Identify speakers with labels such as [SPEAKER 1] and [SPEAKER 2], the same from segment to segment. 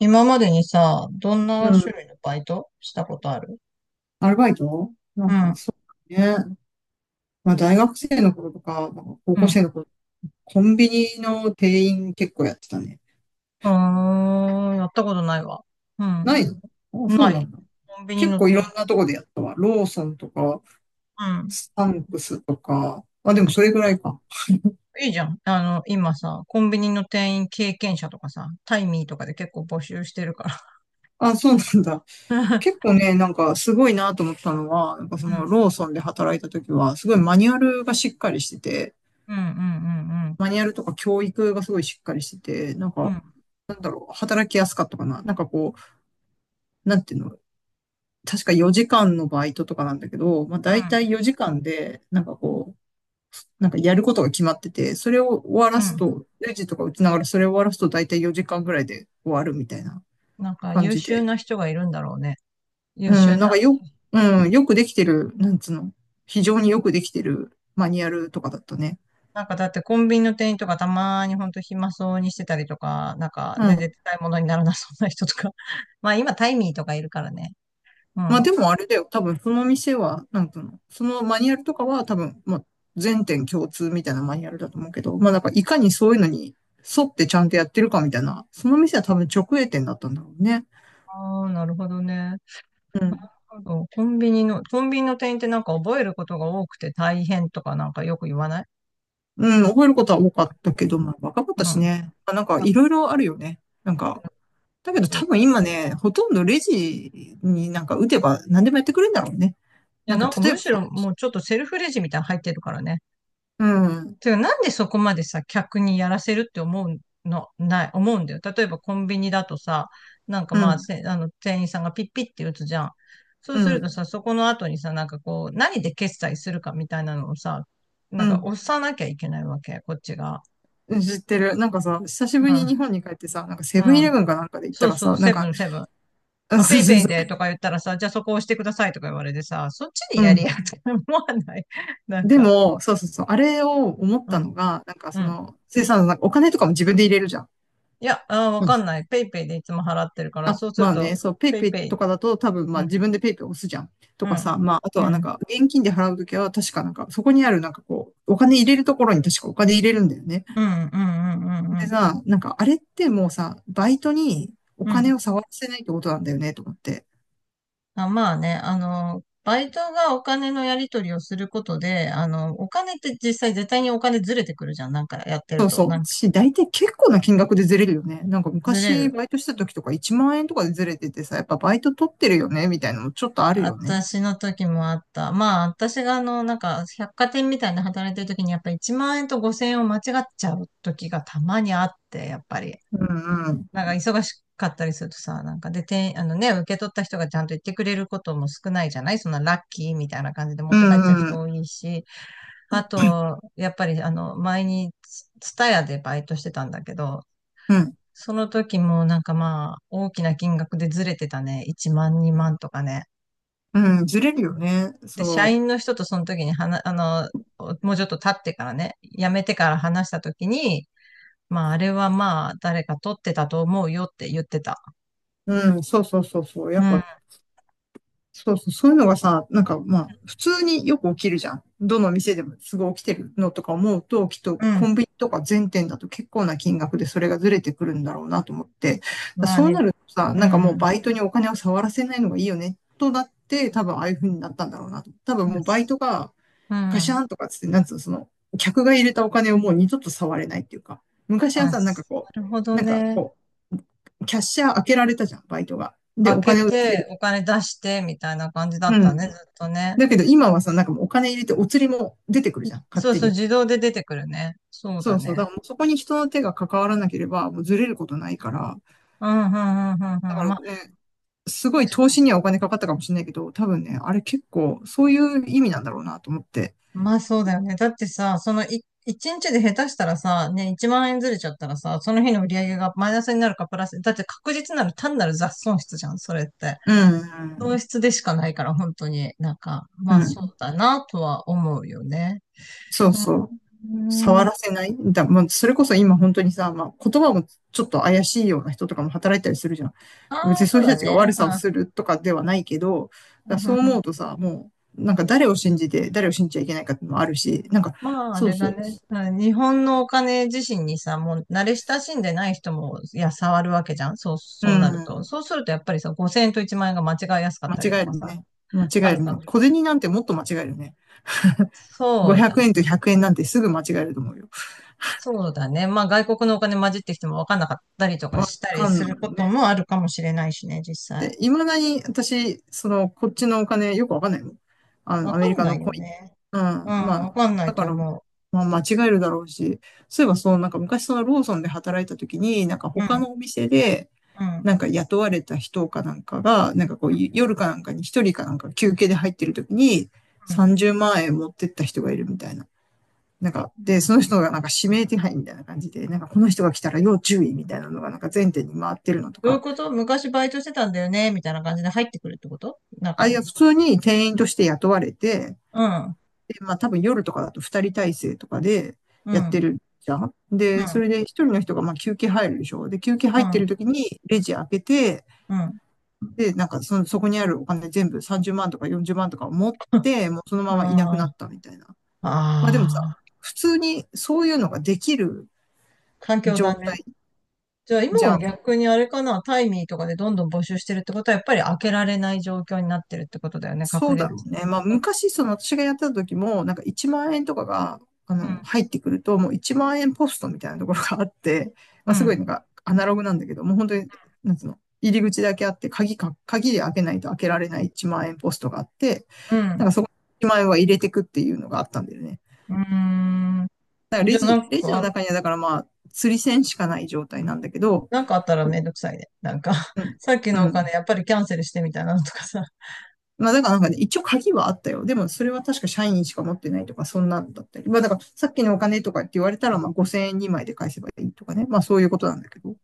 [SPEAKER 1] 今までにさ、どんな
[SPEAKER 2] う
[SPEAKER 1] 種
[SPEAKER 2] ん。
[SPEAKER 1] 類のバイトしたことある？
[SPEAKER 2] アルバイト。な
[SPEAKER 1] う
[SPEAKER 2] んか
[SPEAKER 1] ん。
[SPEAKER 2] そうね。まあ大学生の頃とか、なんか高
[SPEAKER 1] う
[SPEAKER 2] 校
[SPEAKER 1] ん。
[SPEAKER 2] 生の頃、コンビニの店員結構やってたね。
[SPEAKER 1] あー、やったことないわ。う
[SPEAKER 2] な
[SPEAKER 1] ん。
[SPEAKER 2] いの？あ、そう
[SPEAKER 1] な
[SPEAKER 2] な
[SPEAKER 1] い。
[SPEAKER 2] んだ。
[SPEAKER 1] コンビニ
[SPEAKER 2] 結
[SPEAKER 1] の
[SPEAKER 2] 構い
[SPEAKER 1] 店
[SPEAKER 2] ろ
[SPEAKER 1] 員。
[SPEAKER 2] んなとこでやったわ。ローソンとか、
[SPEAKER 1] うん。
[SPEAKER 2] スタンクスとか。あ、でもそれぐらいか。
[SPEAKER 1] いいじゃん。あの、今さ、コンビニの店員経験者とかさ、タイミーとかで結構募集してるから。
[SPEAKER 2] あ、そうなんだ。結構ね、なんかすごいなと思ったのは、なんかそ
[SPEAKER 1] う
[SPEAKER 2] の
[SPEAKER 1] ん。
[SPEAKER 2] ローソンで働いた時は、すごいマニュアルがしっかりしてて、
[SPEAKER 1] うんうん
[SPEAKER 2] マニュアルとか教育がすごいしっかりしてて、なん
[SPEAKER 1] うんうん。
[SPEAKER 2] か
[SPEAKER 1] うん。
[SPEAKER 2] 働きやすかったかな。なんかこう、なんていうの、確か4時間のバイトとかなんだけど、まあ大体4時間で、なんかこう、なんかやることが決まってて、それを終わ
[SPEAKER 1] う
[SPEAKER 2] ら
[SPEAKER 1] ん。う
[SPEAKER 2] す
[SPEAKER 1] ん。
[SPEAKER 2] と、レジとか打ちながらそれを終わらすと大体4時間ぐらいで終わるみたいな
[SPEAKER 1] なんか
[SPEAKER 2] 感
[SPEAKER 1] 優
[SPEAKER 2] じ
[SPEAKER 1] 秀
[SPEAKER 2] で。
[SPEAKER 1] な人がいるんだろうね。優
[SPEAKER 2] う
[SPEAKER 1] 秀な。
[SPEAKER 2] ん、なんかよ、うん、よくできてる、なんつうの、非常によくできてるマニュアルとかだったね。
[SPEAKER 1] なんかだってコンビニの店員とかたまーにほんと暇そうにしてたりとか、なんか
[SPEAKER 2] う
[SPEAKER 1] 全然
[SPEAKER 2] ん。
[SPEAKER 1] 使い物にならなそうな人とか。まあ今タイミーとかいるからね。う
[SPEAKER 2] まあ
[SPEAKER 1] ん。
[SPEAKER 2] でもあれだよ。多分その店は、なんていうの、そのマニュアルとかは多分、まあ全店共通みたいなマニュアルだと思うけど、まあなんかいかにそういうのに沿ってちゃんとやってるかみたいな、その店は多分直営店だったんだろうね。
[SPEAKER 1] ああ、なるほどね。
[SPEAKER 2] うん。
[SPEAKER 1] そうコンビニの、コンビニの店員ってなんか覚えることが多くて大変とかなんかよく言わない？
[SPEAKER 2] うん、覚えることは多かったけど、まあ若かっ
[SPEAKER 1] う
[SPEAKER 2] た
[SPEAKER 1] ん。
[SPEAKER 2] しね。まあなんか
[SPEAKER 1] あ、
[SPEAKER 2] いろいろあるよね。なんか、だけど
[SPEAKER 1] そ
[SPEAKER 2] 多
[SPEAKER 1] う。
[SPEAKER 2] 分今ね、ほとんどレジになんか打てば何でもやってくれるんだろうね。
[SPEAKER 1] い
[SPEAKER 2] な
[SPEAKER 1] や、
[SPEAKER 2] ん
[SPEAKER 1] な
[SPEAKER 2] か
[SPEAKER 1] んか
[SPEAKER 2] 例え
[SPEAKER 1] む
[SPEAKER 2] ば
[SPEAKER 1] し
[SPEAKER 2] さ、
[SPEAKER 1] ろもうちょっとセルフレジみたいなの入ってるからね。
[SPEAKER 2] うん、
[SPEAKER 1] てか、なんでそこまでさ、客にやらせるって思うの、ない、思うんだよ。例えばコンビニだとさ、なんか
[SPEAKER 2] う
[SPEAKER 1] まあ、
[SPEAKER 2] ん、
[SPEAKER 1] せあの、店員さんがピッピッって打つじゃん。そう
[SPEAKER 2] う
[SPEAKER 1] すると
[SPEAKER 2] ん、
[SPEAKER 1] さ、そこの後にさ、なんかこう、何で決済するかみたいなのをさ、
[SPEAKER 2] う
[SPEAKER 1] なんか
[SPEAKER 2] ん。
[SPEAKER 1] 押さなきゃいけないわけ、こっちが。
[SPEAKER 2] 知ってる。なんかさ、久しぶりに日
[SPEAKER 1] う
[SPEAKER 2] 本に帰ってさ、なんかセブン
[SPEAKER 1] ん、
[SPEAKER 2] イ
[SPEAKER 1] う
[SPEAKER 2] レ
[SPEAKER 1] ん。
[SPEAKER 2] ブンかなんかで行っ
[SPEAKER 1] そ
[SPEAKER 2] た
[SPEAKER 1] う
[SPEAKER 2] ら
[SPEAKER 1] そ
[SPEAKER 2] さ、
[SPEAKER 1] う、
[SPEAKER 2] なん
[SPEAKER 1] セブ
[SPEAKER 2] か、
[SPEAKER 1] ン、セブン。
[SPEAKER 2] うん、
[SPEAKER 1] まあ、
[SPEAKER 2] そ
[SPEAKER 1] ペ
[SPEAKER 2] う
[SPEAKER 1] イ
[SPEAKER 2] そう
[SPEAKER 1] ペイ
[SPEAKER 2] そ
[SPEAKER 1] で
[SPEAKER 2] う。
[SPEAKER 1] とか言ったらさ、じゃあそこ押してくださいとか言われてさ、そっちで
[SPEAKER 2] う
[SPEAKER 1] やり
[SPEAKER 2] ん。
[SPEAKER 1] やって思わない？なん
[SPEAKER 2] で
[SPEAKER 1] か、
[SPEAKER 2] も、そうそうそう。あれを思っ
[SPEAKER 1] う
[SPEAKER 2] た
[SPEAKER 1] ん、
[SPEAKER 2] のが、なんか
[SPEAKER 1] う
[SPEAKER 2] そ
[SPEAKER 1] ん。
[SPEAKER 2] の、生産なんかお金とかも自分で入れるじゃん。
[SPEAKER 1] いや、あー、わ
[SPEAKER 2] うん。
[SPEAKER 1] かんない。ペイペイでいつも払ってるから、
[SPEAKER 2] あ、
[SPEAKER 1] そうす
[SPEAKER 2] ま
[SPEAKER 1] る
[SPEAKER 2] あね、
[SPEAKER 1] と、
[SPEAKER 2] そう、ペイ
[SPEAKER 1] ペ
[SPEAKER 2] ペ
[SPEAKER 1] イ
[SPEAKER 2] イ
[SPEAKER 1] ペイ、
[SPEAKER 2] とかだと多分、
[SPEAKER 1] う
[SPEAKER 2] まあ
[SPEAKER 1] ん、
[SPEAKER 2] 自分でペイペイ押すじゃん。と
[SPEAKER 1] う
[SPEAKER 2] か
[SPEAKER 1] ん、
[SPEAKER 2] さ、まあ、あと
[SPEAKER 1] う
[SPEAKER 2] はなん
[SPEAKER 1] ん、
[SPEAKER 2] か、現金で払うときは確かなんか、そこにあるなんかこう、お金入れるところに確かお金入れるんだよね。
[SPEAKER 1] うん、うん、うん、うん、う
[SPEAKER 2] で
[SPEAKER 1] ん。
[SPEAKER 2] さ、なんかあれってもうさ、バイトにお金を触らせないってことなんだよね、と思って。
[SPEAKER 1] あ、まあね、あの、バイトがお金のやり取りをすることで、あの、お金って実際絶対にお金ずれてくるじゃん。なんかやってる
[SPEAKER 2] そう
[SPEAKER 1] と。
[SPEAKER 2] そ
[SPEAKER 1] な
[SPEAKER 2] う。
[SPEAKER 1] んか
[SPEAKER 2] 大体結構な金額でずれるよね。なんか
[SPEAKER 1] ずれ
[SPEAKER 2] 昔
[SPEAKER 1] る。
[SPEAKER 2] バイトした時とか1万円とかでずれててさ、やっぱバイト取ってるよねみたいなのもちょっとあるよね。
[SPEAKER 1] 私の時もあった。まあ、私があの、なんか、百貨店みたいな働いてる時に、やっぱ1万円と5000円を間違っちゃう時がたまにあって、やっぱり。
[SPEAKER 2] うんうん。
[SPEAKER 1] なんか忙しかったりするとさ、なんかで、てん、あのね、受け取った人がちゃんと言ってくれることも少ないじゃない、そんなラッキーみたいな感じで持っ
[SPEAKER 2] う
[SPEAKER 1] て帰っちゃう
[SPEAKER 2] んう
[SPEAKER 1] 人
[SPEAKER 2] ん。
[SPEAKER 1] 多いし、あと、やっぱりあの、前にツ、ツタヤでバイトしてたんだけど、
[SPEAKER 2] うん。
[SPEAKER 1] その時もなんかまあ、大きな金額でずれてたね。1万、2万とかね。
[SPEAKER 2] うん。ずれるよね。
[SPEAKER 1] で、社
[SPEAKER 2] そ
[SPEAKER 1] 員の人とその時に話、あの、もうちょっと経ってからね、辞めてから話した時に、まあ、あれはまあ、誰か取ってたと思うよって言ってた。
[SPEAKER 2] う。うん。そうそうそうそう。や
[SPEAKER 1] う
[SPEAKER 2] っ
[SPEAKER 1] ん。
[SPEAKER 2] ぱそうそう、そういうのがさ、なんかまあ、普通によく起きるじゃん。どの店でもすぐ起きてるのとか思うと、きっと
[SPEAKER 1] う
[SPEAKER 2] コ
[SPEAKER 1] ん。
[SPEAKER 2] ンビニとか全店だと結構な金額でそれがずれてくるんだろうなと思って、だから
[SPEAKER 1] まあ
[SPEAKER 2] そうな
[SPEAKER 1] ね、
[SPEAKER 2] るとさ、
[SPEAKER 1] う
[SPEAKER 2] なんかもう
[SPEAKER 1] ん。
[SPEAKER 2] バイトにお金を触らせないのがいいよね、となって、多分ああいう風になったんだろうなと。多分もうバイトが
[SPEAKER 1] う
[SPEAKER 2] ガシャ
[SPEAKER 1] ん。
[SPEAKER 2] ンとかつって、なんつうの、その、客が入れたお金をもう二度と触れないっていうか、昔は
[SPEAKER 1] あ、な
[SPEAKER 2] さ、なんかこ
[SPEAKER 1] るほ
[SPEAKER 2] う、
[SPEAKER 1] ど
[SPEAKER 2] なんか
[SPEAKER 1] ね。
[SPEAKER 2] こう、キャッシャー開けられたじゃん、バイトが。で、
[SPEAKER 1] 開
[SPEAKER 2] お金
[SPEAKER 1] け
[SPEAKER 2] を出せ
[SPEAKER 1] て、
[SPEAKER 2] る。
[SPEAKER 1] お金出して、みたいな感じだっ
[SPEAKER 2] う
[SPEAKER 1] た
[SPEAKER 2] ん。
[SPEAKER 1] ね、ずっとね。
[SPEAKER 2] だけど今はさ、なんかもうお金入れてお釣りも出てくるじゃん、勝
[SPEAKER 1] そう
[SPEAKER 2] 手
[SPEAKER 1] そう、
[SPEAKER 2] に。
[SPEAKER 1] 自動で出てくるね。そう
[SPEAKER 2] そ
[SPEAKER 1] だ
[SPEAKER 2] うそう。だか
[SPEAKER 1] ね。
[SPEAKER 2] らもうそこに人の手が関わらなければ、もうずれることないから。
[SPEAKER 1] うん、うん、うん、うん、うん。
[SPEAKER 2] だから
[SPEAKER 1] まあ、
[SPEAKER 2] ね、すごい
[SPEAKER 1] 確
[SPEAKER 2] 投
[SPEAKER 1] か、
[SPEAKER 2] 資にはお金かかったかもしれないけど、多分ね、あれ結構そういう意味なんだろうなと思って。
[SPEAKER 1] まあそうだよね。だってさ、そのい、一日で下手したらさ、ね、1万円ずれちゃったらさ、その日の売り上げがマイナスになるかプラス、だって確実なる単なる雑損失じゃん、それって。
[SPEAKER 2] う
[SPEAKER 1] 損
[SPEAKER 2] ん。
[SPEAKER 1] 失でしかないから、本当に、なんか、
[SPEAKER 2] う
[SPEAKER 1] まあそ
[SPEAKER 2] ん。
[SPEAKER 1] うだな、とは思うよね。
[SPEAKER 2] そうそう。
[SPEAKER 1] うー
[SPEAKER 2] 触ら
[SPEAKER 1] ん。
[SPEAKER 2] せないだ、まあ、それこそ今本当にさ、まあ、言葉もちょっと怪しいような人とかも働いたりするじゃん。別
[SPEAKER 1] ああ、
[SPEAKER 2] にそ
[SPEAKER 1] そ
[SPEAKER 2] う
[SPEAKER 1] う
[SPEAKER 2] いう人た
[SPEAKER 1] だ
[SPEAKER 2] ちが
[SPEAKER 1] ね。
[SPEAKER 2] 悪
[SPEAKER 1] う
[SPEAKER 2] さを
[SPEAKER 1] ん。
[SPEAKER 2] するとかではないけど、
[SPEAKER 1] うん
[SPEAKER 2] だ
[SPEAKER 1] う
[SPEAKER 2] そ
[SPEAKER 1] ん
[SPEAKER 2] う
[SPEAKER 1] うん。
[SPEAKER 2] 思うとさ、もう、なんか誰を信じて、誰を信じちゃいけないかっていうのもあるし、なんか、
[SPEAKER 1] まあ、あ
[SPEAKER 2] そう
[SPEAKER 1] れ
[SPEAKER 2] そ
[SPEAKER 1] だ
[SPEAKER 2] う。
[SPEAKER 1] ね。うん、日本のお金自身にさ、もう慣れ親しんでない人も、いや、触るわけじゃん。そう、
[SPEAKER 2] う
[SPEAKER 1] そうなると。
[SPEAKER 2] ん。
[SPEAKER 1] そうすると、やっぱりさ、5000円と1万円が間違いやすかったり
[SPEAKER 2] 間
[SPEAKER 1] と
[SPEAKER 2] 違え
[SPEAKER 1] か
[SPEAKER 2] る
[SPEAKER 1] さ、
[SPEAKER 2] ね。間違
[SPEAKER 1] あ
[SPEAKER 2] え
[SPEAKER 1] る
[SPEAKER 2] る
[SPEAKER 1] か。
[SPEAKER 2] ね。小銭なんてもっと間違えるね。
[SPEAKER 1] そう
[SPEAKER 2] 500
[SPEAKER 1] だね。
[SPEAKER 2] 円と100円なんてすぐ間違えると思うよ。
[SPEAKER 1] そうだね。まあ、外国のお金混じってきても分かんなかったりとか
[SPEAKER 2] わ
[SPEAKER 1] したり
[SPEAKER 2] かん
[SPEAKER 1] す
[SPEAKER 2] ない
[SPEAKER 1] ること
[SPEAKER 2] ね。
[SPEAKER 1] もあるかもしれないしね、実際。
[SPEAKER 2] で、いまだに私、その、こっちのお金よくわかんないもん。あの、
[SPEAKER 1] 分
[SPEAKER 2] ア
[SPEAKER 1] か
[SPEAKER 2] メリ
[SPEAKER 1] ん
[SPEAKER 2] カ
[SPEAKER 1] な
[SPEAKER 2] の
[SPEAKER 1] い
[SPEAKER 2] コ
[SPEAKER 1] よ
[SPEAKER 2] イン。
[SPEAKER 1] ね。
[SPEAKER 2] う
[SPEAKER 1] うん、
[SPEAKER 2] ん。ま
[SPEAKER 1] 分
[SPEAKER 2] あ、
[SPEAKER 1] かんない
[SPEAKER 2] だか
[SPEAKER 1] と
[SPEAKER 2] ら、
[SPEAKER 1] 思
[SPEAKER 2] まあ、間違えるだろうし、そういえばそう、なんか昔そのローソンで働いた時に、なんか
[SPEAKER 1] う。う
[SPEAKER 2] 他
[SPEAKER 1] ん、
[SPEAKER 2] のお店で、
[SPEAKER 1] うん、
[SPEAKER 2] なんか雇われた人かなんかが、なんかこう、夜かなんかに一人かなんか休憩で入ってる時に、
[SPEAKER 1] うん。
[SPEAKER 2] 30万円持ってった人がいるみたいな。なんか、で、その人がなんか指名手配みたいな感じで、なんかこの人が来たら要注意みたいなのがなんか全店に回ってるのと
[SPEAKER 1] どういう
[SPEAKER 2] か、
[SPEAKER 1] こと？昔バイトしてたんだよねみたいな感じで入ってくるってこと？
[SPEAKER 2] あ、
[SPEAKER 1] 中
[SPEAKER 2] いや、
[SPEAKER 1] に。
[SPEAKER 2] 普通に店員として雇われて、
[SPEAKER 1] うん、うん、
[SPEAKER 2] で、まあ多分夜とかだと二人体制とかで
[SPEAKER 1] う
[SPEAKER 2] やって
[SPEAKER 1] ん、
[SPEAKER 2] るじゃん。で、それで一人の人がまあ休憩入るでしょ。で、休憩
[SPEAKER 1] う
[SPEAKER 2] 入って
[SPEAKER 1] ん、
[SPEAKER 2] る時にレジ開けて、
[SPEAKER 1] うん。
[SPEAKER 2] で、なんかその、そこにあるお金全部30万とか40万とかを持って、もうそのままいなく
[SPEAKER 1] あ
[SPEAKER 2] なったみたいな。
[SPEAKER 1] あ、
[SPEAKER 2] まあでもさ、
[SPEAKER 1] ああ、
[SPEAKER 2] 普通にそういうのができる
[SPEAKER 1] 環境だ
[SPEAKER 2] 状
[SPEAKER 1] ね。
[SPEAKER 2] 態
[SPEAKER 1] じゃあ今
[SPEAKER 2] じゃ
[SPEAKER 1] は
[SPEAKER 2] ん。
[SPEAKER 1] 逆にあれかな、タイミーとかでどんどん募集してるってことは、やっぱり開けられない状況になってるってことだよね、
[SPEAKER 2] そ
[SPEAKER 1] 確
[SPEAKER 2] う
[SPEAKER 1] 実
[SPEAKER 2] だ
[SPEAKER 1] に。
[SPEAKER 2] ろうね。まあ、昔、その私がやってた時も、なんか1万円とかが、あ
[SPEAKER 1] うん、
[SPEAKER 2] の、入ってくると、もう1万円ポストみたいなところがあって、
[SPEAKER 1] う
[SPEAKER 2] まあ、すご
[SPEAKER 1] ん、
[SPEAKER 2] いなんかアナログなんだけど、もう本当に、なんつうの、入り口だけあって、鍵で開けないと開けられない1万円ポストがあって、
[SPEAKER 1] うん。
[SPEAKER 2] なんかそこに万円は入れてくっていうのがあったんだよね。
[SPEAKER 1] うーん。
[SPEAKER 2] だからレ
[SPEAKER 1] じゃあな
[SPEAKER 2] ジ、
[SPEAKER 1] ん
[SPEAKER 2] レジの
[SPEAKER 1] か、
[SPEAKER 2] 中にはだからまあ、釣り銭しかない状態なんだけど、
[SPEAKER 1] なんかあったらめんどくさいね。なんか、
[SPEAKER 2] うん、
[SPEAKER 1] さっき
[SPEAKER 2] う
[SPEAKER 1] のお金
[SPEAKER 2] ん。
[SPEAKER 1] やっぱりキャンセルしてみたいなのとかさ。
[SPEAKER 2] まあだからなんかね、一応鍵はあったよ。でもそれは確か社員しか持ってないとか、そんなんだったり。まあだからさっきのお金とかって言われたら、まあ5000円2枚で返せばいいとかね。まあそういうことなんだけど。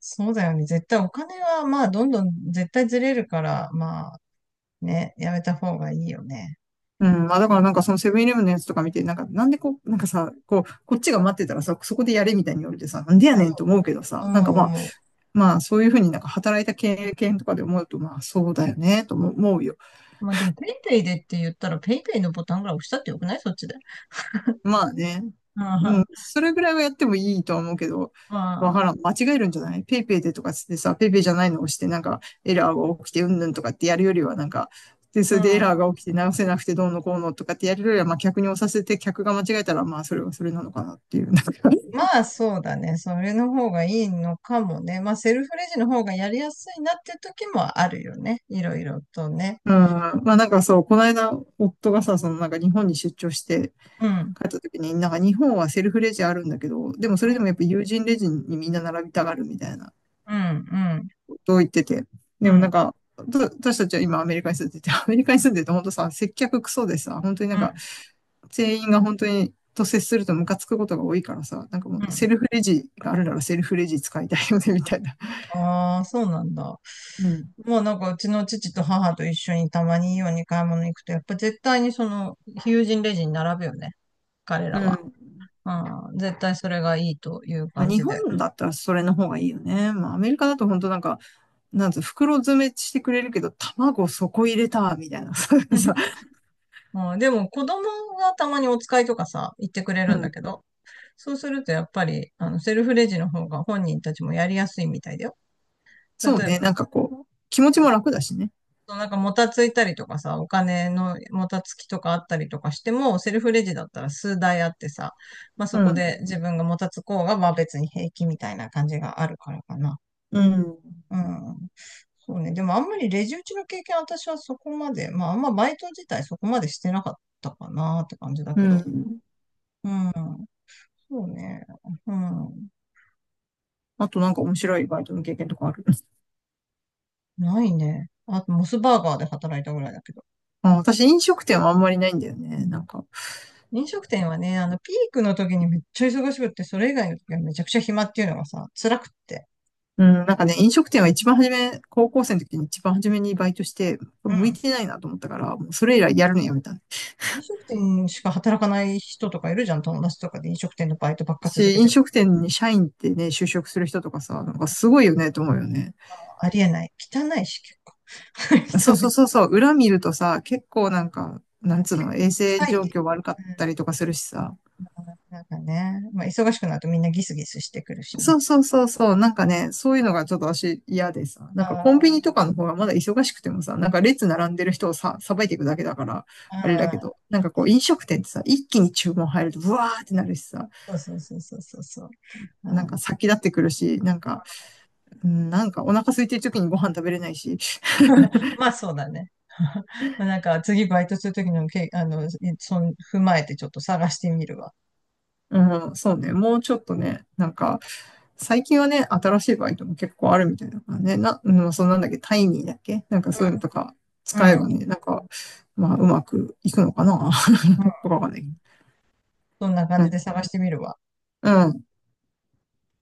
[SPEAKER 1] そうだよね。絶対お金は、まあ、どんどん絶対ずれるから、まあ、ね、やめた方がいいよね。
[SPEAKER 2] うん、まあだからなんかそのセブンイレブンのやつとか見て、なんかなんでこう、なんかさ、こう、こっちが待ってたらさ、そこでやれみたいに言われてさ、なんでやねんと思うけど
[SPEAKER 1] う
[SPEAKER 2] さ、
[SPEAKER 1] ん、
[SPEAKER 2] なん
[SPEAKER 1] う
[SPEAKER 2] か
[SPEAKER 1] ん、
[SPEAKER 2] まあ、
[SPEAKER 1] 思うん。
[SPEAKER 2] まあそういうふうになんか働いた経験とかで思うと、まあそうだよね、と思うよ。
[SPEAKER 1] まあ、でも、ペイペイでって言ったら、ペイペイのボタンぐらい押したってよくない？そっちで。
[SPEAKER 2] まあね、
[SPEAKER 1] うん、ま
[SPEAKER 2] それぐらいはやってもいいとは思うけど、わ
[SPEAKER 1] あ、
[SPEAKER 2] からん。間違えるんじゃないペイペイでとかつってさ、ペイペイじゃないのを押して、なんかエラーが起きてうんぬんとかってやるよりは、なんか、で、そ
[SPEAKER 1] う
[SPEAKER 2] れ
[SPEAKER 1] ん。
[SPEAKER 2] でエラーが起きて直せなくてどうのこうのとかってやるよりは、まあ客に押させて客が間違えたら、まあそれはそれなのかなっていう、なんか
[SPEAKER 1] まあ、そうだね。それの方がいいのかもね。まあ、セルフレジの方がやりやすいなっていう時もあるよね。いろいろとね。
[SPEAKER 2] うん。まあなんかそう、この間、夫がさ、そのなんか日本に出張して
[SPEAKER 1] うん。
[SPEAKER 2] 帰った時に、なんか日本はセルフレジあるんだけど、でもそ
[SPEAKER 1] う
[SPEAKER 2] れ
[SPEAKER 1] ん、
[SPEAKER 2] でもやっぱ友人レジにみんな並びたがるみたいな。
[SPEAKER 1] うん、うん、
[SPEAKER 2] と言ってて。
[SPEAKER 1] う
[SPEAKER 2] でもなん
[SPEAKER 1] ん、
[SPEAKER 2] か、私たちは今アメリカに住んでて、アメリカに住んでて本当さ、接客クソでさ、本当に
[SPEAKER 1] う
[SPEAKER 2] なんか、
[SPEAKER 1] ん。
[SPEAKER 2] 全員が本当にと接するとムカつくことが多いからさ、なんかも
[SPEAKER 1] う
[SPEAKER 2] う
[SPEAKER 1] ん。
[SPEAKER 2] セルフレジがあるならセルフレジ使いたいよね、みたいな。
[SPEAKER 1] ああ、そうなんだ。
[SPEAKER 2] うん。
[SPEAKER 1] まあなんかうちの父と母と一緒にたまにイオンに買い物行くと、やっぱ絶対にその、友人レジに並ぶよね。彼
[SPEAKER 2] う
[SPEAKER 1] らは。
[SPEAKER 2] ん。
[SPEAKER 1] うん、絶対それがいいという
[SPEAKER 2] まあ、
[SPEAKER 1] 感
[SPEAKER 2] 日
[SPEAKER 1] じで。
[SPEAKER 2] 本だったらそれの方がいいよね。まあ、アメリカだと本当なんか、なんつう、袋詰めしてくれるけど、卵そこ入れた、みたいなさ。
[SPEAKER 1] うん、でも子供がたまにお使いとかさ、言ってくれ
[SPEAKER 2] う
[SPEAKER 1] るんだ
[SPEAKER 2] ん。
[SPEAKER 1] けど、そうするとやっぱり、あの、セルフレジの方が本人たちもやりやすいみたいだよ。例
[SPEAKER 2] そう
[SPEAKER 1] え
[SPEAKER 2] ね。
[SPEAKER 1] ば、
[SPEAKER 2] なんかこう、気持ちも楽だしね。
[SPEAKER 1] そうなんかもたついたりとかさ、お金のもたつきとかあったりとかしても、セルフレジだったら数台あってさ、まあそ
[SPEAKER 2] う
[SPEAKER 1] こで
[SPEAKER 2] ん。
[SPEAKER 1] 自分がもたつこうが、まあ別に平気みたいな感じがあるからかな。
[SPEAKER 2] うん。
[SPEAKER 1] うん。そうね。でもあんまりレジ打ちの経験私はそこまで、まああんまバイト自体そこまでしてなかったかなって感じだ
[SPEAKER 2] う
[SPEAKER 1] けど。
[SPEAKER 2] ん。
[SPEAKER 1] うん。そうね。うん。
[SPEAKER 2] あとなんか面白いバイトの経験とかあるんです？
[SPEAKER 1] ないね。あとモスバーガーで働いたぐらいだけど。
[SPEAKER 2] あ私飲食店はあんまりないんだよね。なんか、
[SPEAKER 1] 飲食店はね、あの、ピークの時にめっちゃ忙しくって、それ以外の時はめちゃくちゃ暇っていうのがさ、辛くって。
[SPEAKER 2] うん、なんかね、飲食店は一番初め、高校生の時に一番初めにバイトして、
[SPEAKER 1] う
[SPEAKER 2] 向い
[SPEAKER 1] ん。
[SPEAKER 2] てないなと思ったから、もうそれ以来やるのやめた。
[SPEAKER 1] 飲食店しか働かない人とかいるじゃん、友達とかで飲食店のバイトばっか続
[SPEAKER 2] し、
[SPEAKER 1] けて
[SPEAKER 2] 飲
[SPEAKER 1] るか
[SPEAKER 2] 食店に社員ってね、就職する人とかさ、なんかすごいよねと思うよね。
[SPEAKER 1] ら。ありえない。汚いし、結構。
[SPEAKER 2] そう
[SPEAKER 1] 汚
[SPEAKER 2] そう
[SPEAKER 1] い。
[SPEAKER 2] そうそう、裏見るとさ、結構なんか、
[SPEAKER 1] あ
[SPEAKER 2] なんつう
[SPEAKER 1] 結
[SPEAKER 2] の、
[SPEAKER 1] 構
[SPEAKER 2] 衛生
[SPEAKER 1] 臭
[SPEAKER 2] 状
[SPEAKER 1] い。
[SPEAKER 2] 況悪か
[SPEAKER 1] う
[SPEAKER 2] った
[SPEAKER 1] ん。
[SPEAKER 2] りとかするしさ、
[SPEAKER 1] なんかね、まあ、忙しくなるとみんなギスギスしてくるし
[SPEAKER 2] そ
[SPEAKER 1] ね。
[SPEAKER 2] うそうそうそう。なんかね、そういうのがちょっと私嫌でさ。なんかコ
[SPEAKER 1] あ
[SPEAKER 2] ンビニと
[SPEAKER 1] あ、
[SPEAKER 2] かの方がまだ忙しくてもさ、なんか列並んでる人をさ、さばいていくだけだから、あれだけど、
[SPEAKER 1] あ
[SPEAKER 2] なんかこう飲食店ってさ、一気に注文入るとブワーってなるしさ、
[SPEAKER 1] あ、そうそうそうそうそうそう。
[SPEAKER 2] なん
[SPEAKER 1] あ
[SPEAKER 2] か
[SPEAKER 1] ー、
[SPEAKER 2] 先立ってくるし、なんか、うんなんかお腹空いてる時にご飯食べれないし、
[SPEAKER 1] まあそうだね。まあ、なんか次バイトするときのけ、あの、そん、踏まえてちょっと探してみるわ。
[SPEAKER 2] うん、そうね、もうちょっとね、なんか、最近はね、新しいバイトも結構あるみたいだからね、な、うん、そうなんだっけ、タイミーだっけなんかそういうのとか
[SPEAKER 1] う
[SPEAKER 2] 使
[SPEAKER 1] ん。
[SPEAKER 2] えば
[SPEAKER 1] うん
[SPEAKER 2] ね、なんか、まあ、うまくいくのかな
[SPEAKER 1] う
[SPEAKER 2] とかわかんない。
[SPEAKER 1] ん。そんな感
[SPEAKER 2] う
[SPEAKER 1] じ
[SPEAKER 2] ん。
[SPEAKER 1] で探してみるわ。
[SPEAKER 2] うん。